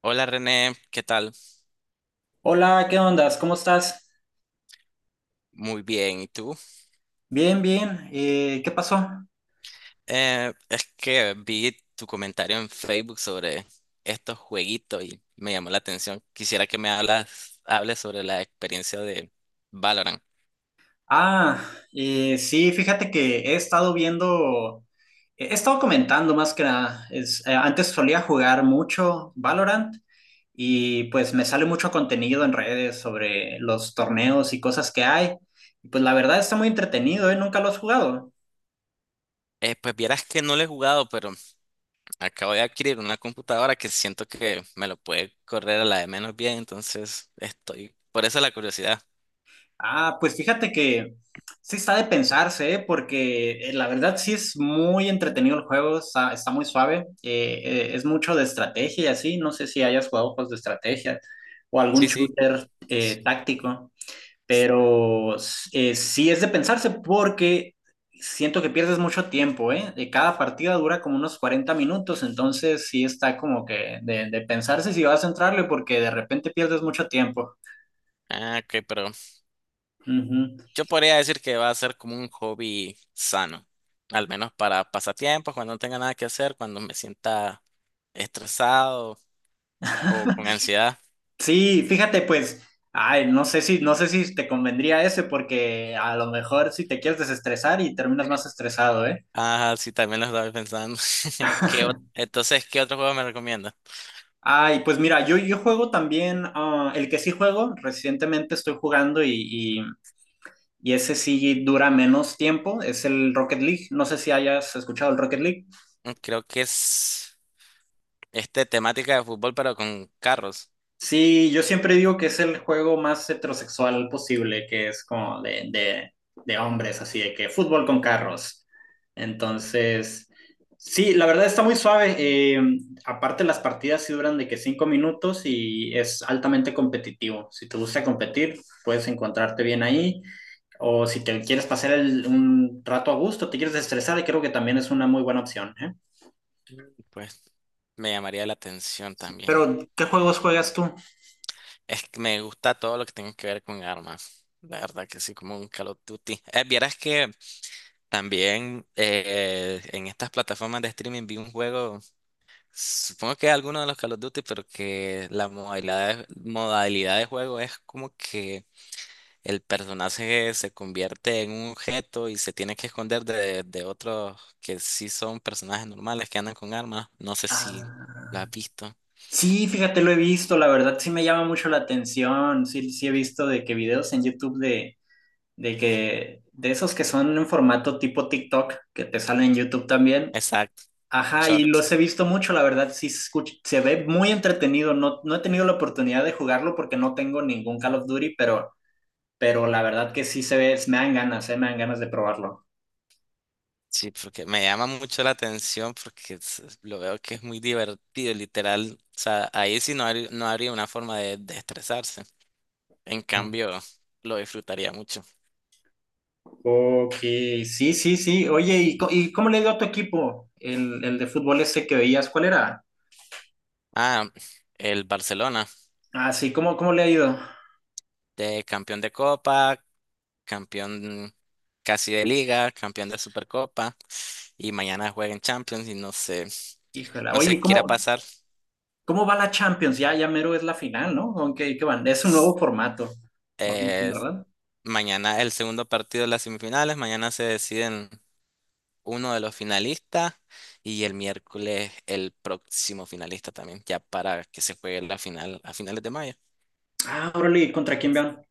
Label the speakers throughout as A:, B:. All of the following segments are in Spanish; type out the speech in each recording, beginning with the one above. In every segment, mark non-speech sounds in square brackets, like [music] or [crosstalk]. A: Hola René, ¿qué tal?
B: Hola, ¿qué ondas? ¿Cómo estás?
A: Muy bien, ¿y tú?
B: Bien, bien. ¿Qué pasó?
A: Es que vi tu comentario en Facebook sobre estos jueguitos y me llamó la atención. Quisiera que hables sobre la experiencia de Valorant.
B: Ah, sí, fíjate que he estado viendo, he estado comentando más que nada. Antes solía jugar mucho Valorant y pues me sale mucho contenido en redes sobre los torneos y cosas que hay. Y pues la verdad está muy entretenido, ¿eh? Nunca lo has jugado.
A: Pues vieras que no lo he jugado, pero acabo de adquirir una computadora que siento que me lo puede correr a la de menos bien, entonces estoy... Por eso la curiosidad.
B: Ah, pues fíjate que sí está de pensarse, ¿eh? Porque la verdad sí es muy entretenido el juego, está muy suave, es mucho de estrategia y así, no sé si hayas jugado juegos de estrategia o algún
A: Sí, sí,
B: shooter
A: sí.
B: táctico, pero sí es de pensarse porque siento que pierdes mucho tiempo, ¿eh? Cada partida dura como unos 40 minutos, entonces sí está como que de pensarse si vas a entrarle porque de repente pierdes mucho tiempo.
A: Ah, ok, pero
B: Ujú.
A: yo podría decir que va a ser como un hobby sano, al menos para pasatiempos, cuando no tenga nada que hacer, cuando me sienta estresado o con ansiedad.
B: Sí, fíjate, pues, ay, no sé si te convendría ese, porque a lo mejor si te quieres desestresar y terminas más estresado, ¿eh?
A: Ah, sí, también lo estaba pensando. [laughs]
B: [laughs]
A: Entonces, ¿qué otro juego me recomiendas?
B: Ay, pues mira, yo juego también, el que sí juego, recientemente estoy jugando y, y ese sí dura menos tiempo, es el Rocket League. No sé si hayas escuchado el Rocket League.
A: Mm, creo que es este temática de fútbol, pero con carros.
B: Sí, yo siempre digo que es el juego más heterosexual posible, que es como de hombres, así de que fútbol con carros. Entonces, sí, la verdad está muy suave. Aparte, las partidas sí duran de que 5 minutos y es altamente competitivo. Si te gusta competir, puedes encontrarte bien ahí. O si te quieres pasar un rato a gusto, te quieres estresar, creo que también es una muy buena opción, ¿eh?
A: Mm, pues me llamaría la atención también.
B: Pero, ¿qué juegos juegas tú?
A: Es que me gusta todo lo que tenga que ver con armas. La verdad que sí, como un Call of Duty. Vieras que también, en estas plataformas de streaming vi un juego, supongo que alguno de los Call of Duty, pero que modalidad de juego es como que el personaje se convierte en un objeto y se tiene que esconder de otros que sí son personajes normales que andan con armas. No sé si
B: Ah.
A: lo has visto.
B: Sí, fíjate, lo he visto, la verdad sí me llama mucho la atención. Sí, sí he visto de que videos en YouTube de esos que son en formato tipo TikTok, que te salen en YouTube también.
A: Exacto,
B: Ajá, y
A: short.
B: los he visto mucho, la verdad sí se ve muy entretenido. No, no he tenido la oportunidad de jugarlo porque no tengo ningún Call of Duty, pero la verdad que sí se ve, me dan ganas de probarlo.
A: Sí, porque me llama mucho la atención porque lo veo que es muy divertido, literal. O sea, ahí sí no, no habría una forma de estresarse. En cambio, lo disfrutaría mucho.
B: Ok, sí, sí, sí. Oye, ¿Y cómo le dio a tu equipo el de fútbol ese que veías? ¿Cuál era?
A: Ah, el Barcelona,
B: Ah, sí, ¿cómo le ha ido?
A: de campeón de Copa, campeón casi de Liga, campeón de Supercopa, y mañana juega en Champions y no sé,
B: Híjole,
A: no
B: oye,
A: sé qué irá a pasar.
B: cómo va la Champions? Ya, ya mero es la final, ¿no? ¿Con qué van? Es un nuevo formato, o algo así,
A: Eh,
B: ¿verdad?
A: Mañana el segundo partido de las semifinales, mañana se deciden uno de los finalistas y el miércoles el próximo finalista también, ya para que se juegue la final a finales de mayo.
B: Ah, órale, ¿contra quién van?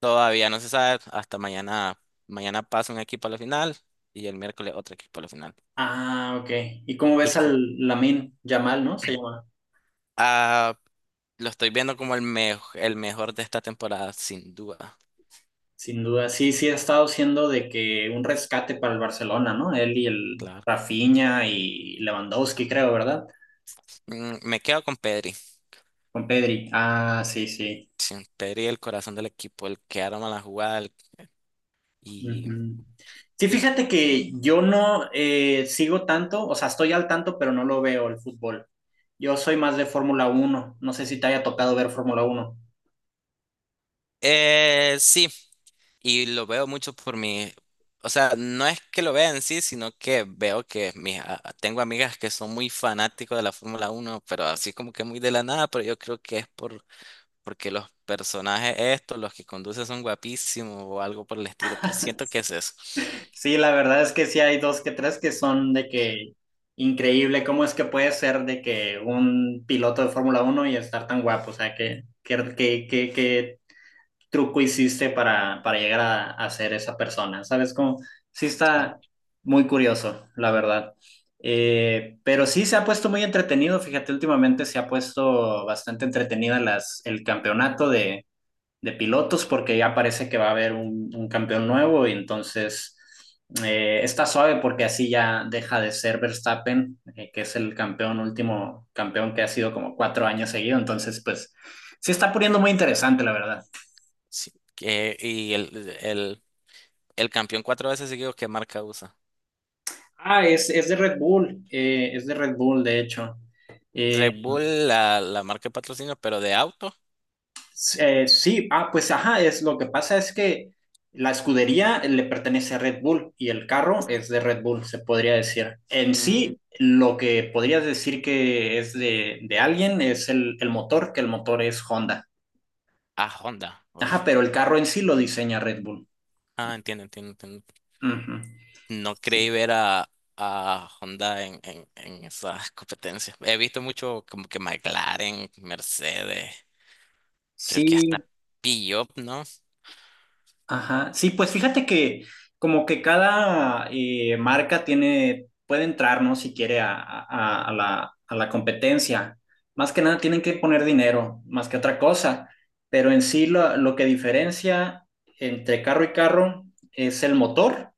A: Todavía no se sabe, hasta mañana, mañana pasa un equipo a la final y el miércoles otro equipo a la final.
B: Ah, ok. ¿Y cómo
A: Y
B: ves al
A: co-
B: Lamine Yamal, ¿no? Se llama.
A: ah, lo estoy viendo como el mejor de esta temporada, sin duda,
B: Sin duda. Sí, sí ha estado siendo de que un rescate para el Barcelona, ¿no? Él y el
A: claro.
B: Rafinha y Lewandowski, creo, ¿verdad?
A: Mm, me quedo con Pedri,
B: Con Pedri. Ah, sí, sí.
A: sin Pedri el corazón del equipo, el que arma la jugada y
B: Ujú. Sí,
A: el-
B: fíjate que yo no sigo tanto, o sea, estoy al tanto, pero no lo veo el fútbol. Yo soy más de Fórmula Uno. No sé si te haya tocado ver Fórmula Uno.
A: sí, y lo veo mucho o sea, no es que lo vea en sí, sino que veo que tengo amigas que son muy fanáticos de la Fórmula Uno pero así como que muy de la nada, pero yo creo que es porque los personajes estos, los que conducen son guapísimos o algo por el estilo, pero siento que es eso.
B: Sí, la verdad es que sí hay dos que tres que son de que increíble, cómo es que puede ser de que un piloto de Fórmula Uno y estar tan guapo, o sea, que truco hiciste para llegar a ser esa persona? ¿Sabes cómo? Sí
A: Sí,
B: está muy curioso, la verdad.
A: sí.
B: Pero sí se ha puesto muy entretenido, fíjate, últimamente se ha puesto bastante entretenida el campeonato de pilotos porque ya parece que va a haber un campeón nuevo y entonces está suave porque así ya deja de ser Verstappen, que es el campeón último, campeón que ha sido como 4 años seguido, entonces pues se está poniendo muy interesante, la verdad.
A: Sí, el campeón cuatro veces seguido, ¿qué marca usa?
B: Ah, es de Red Bull, es de Red Bull, de hecho. Eh,
A: Red Bull, la marca de patrocinio, pero de auto,
B: sí, ah, pues ajá, es lo que pasa es que la escudería le pertenece a Red Bull y el carro es de Red Bull, se podría decir. En
A: mm,
B: sí, lo que podrías decir que es de alguien es el motor, que el motor es Honda.
A: a Honda,
B: Ajá,
A: oí.
B: pero el carro en sí lo diseña Red Bull.
A: Ah, entiendo, entiendo, entiendo.
B: Ujú.
A: No
B: Sí.
A: creí ver a Honda en esas competencias. He visto mucho como que McLaren, Mercedes, creo que
B: Sí,
A: hasta Peugeot, ¿no?
B: ajá, sí, pues fíjate que como que cada marca tiene, puede entrar, ¿no? Si quiere a a la competencia. Más que nada tienen que poner dinero, más que otra cosa. Pero en sí lo que diferencia entre carro y carro es el motor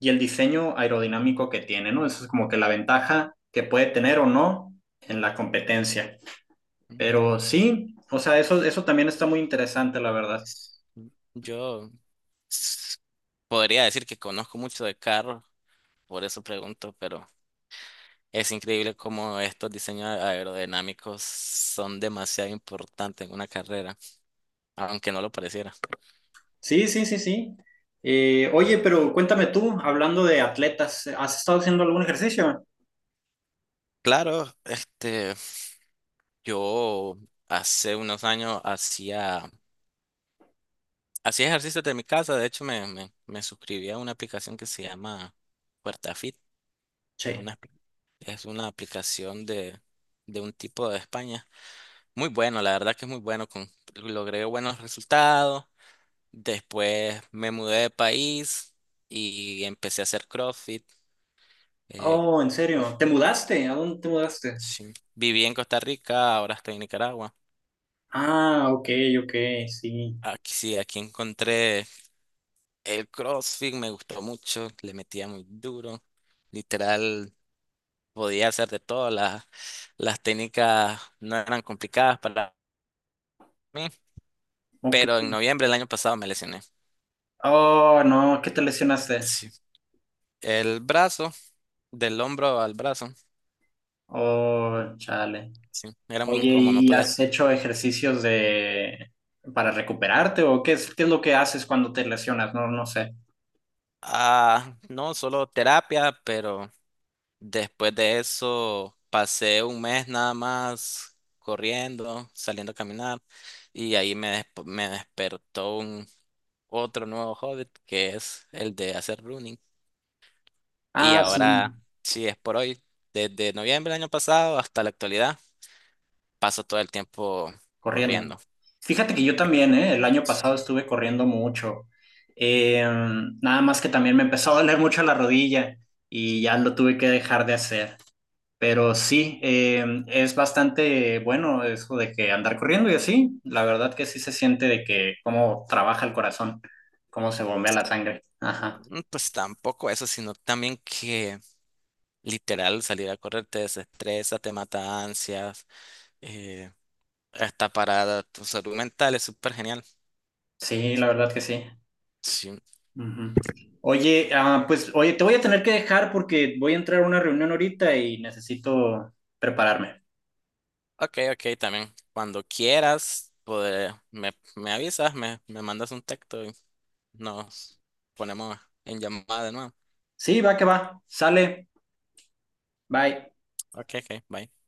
B: y el diseño aerodinámico que tiene, ¿no? Eso es como que la ventaja que puede tener o no en la competencia.
A: Mm,
B: Pero sí, o sea, eso también está muy interesante, la verdad.
A: mm. Yo, s- Podría decir que conozco mucho de carros, por eso pregunto, pero es increíble cómo estos diseños aerodinámicos son demasiado importantes en una carrera, aunque no lo pareciera.
B: Sí, sí, sí, sí. Oye, pero cuéntame tú, hablando de atletas, ¿has estado haciendo algún ejercicio?
A: Claro, este, yo hace unos años hacía ejercicio de mi casa, de hecho me suscribí a una aplicación que se llama PuertaFit, es
B: Che.
A: una, es una aplicación de un tipo de España. Muy bueno, la verdad que es muy bueno, con, logré buenos resultados. Después me mudé de país y empecé a hacer CrossFit. eh,
B: Oh, en
A: cu-
B: serio. ¿Te mudaste? ¿A dónde te mudaste?
A: sí. Viví en Costa Rica, ahora estoy en Nicaragua.
B: Ah, ok, ok, sí.
A: Aquí sí, aquí encontré el CrossFit, me gustó mucho, le metía muy duro. Literal, podía hacer de todo, las técnicas no eran complicadas para mí,
B: Ok.
A: pero en noviembre del año pasado me lesioné.
B: Oh, no, ¿qué te lesionaste?
A: Sí. El brazo, del hombro al brazo,
B: Oh, chale.
A: sí, era muy
B: Oye,
A: incómodo, no
B: ¿y
A: podía.
B: has hecho ejercicios de para recuperarte o qué es lo que haces cuando te lesionas? No, no sé.
A: Ah, no, solo terapia, pero después de eso pasé un mes nada más corriendo, saliendo a caminar y ahí me despertó un otro nuevo hobby que es el de hacer running. Y
B: Ah, sí.
A: ahora, sí, es por hoy, desde noviembre del año pasado hasta la actualidad, paso todo el tiempo
B: Corriendo.
A: corriendo.
B: Fíjate que yo también, ¿eh? El año pasado estuve corriendo mucho. Eh, Nada más que también me empezó a doler mucho la rodilla y ya lo tuve que dejar de hacer. Pero sí, es bastante bueno eso de que andar corriendo y así. La verdad que sí se siente de que cómo trabaja el corazón, cómo se bombea la sangre. Ajá.
A: Mm, pues tampoco eso, sino también que literal salir a correr te desestresa, te mata ansias. eh, Está para tu salud mental, es súper genial.
B: Sí, la verdad que sí.
A: Sí.
B: Ujú. Oye, pues oye, te voy a tener que dejar porque voy a entrar a una reunión ahorita y necesito prepararme.
A: Ok, ok, también. Cuando quieras, me me avisas, me mandas un texto y nos ponemos en llamada de nuevo.
B: Sí, va que va. Sale. Bye.
A: Ok, ok, bye.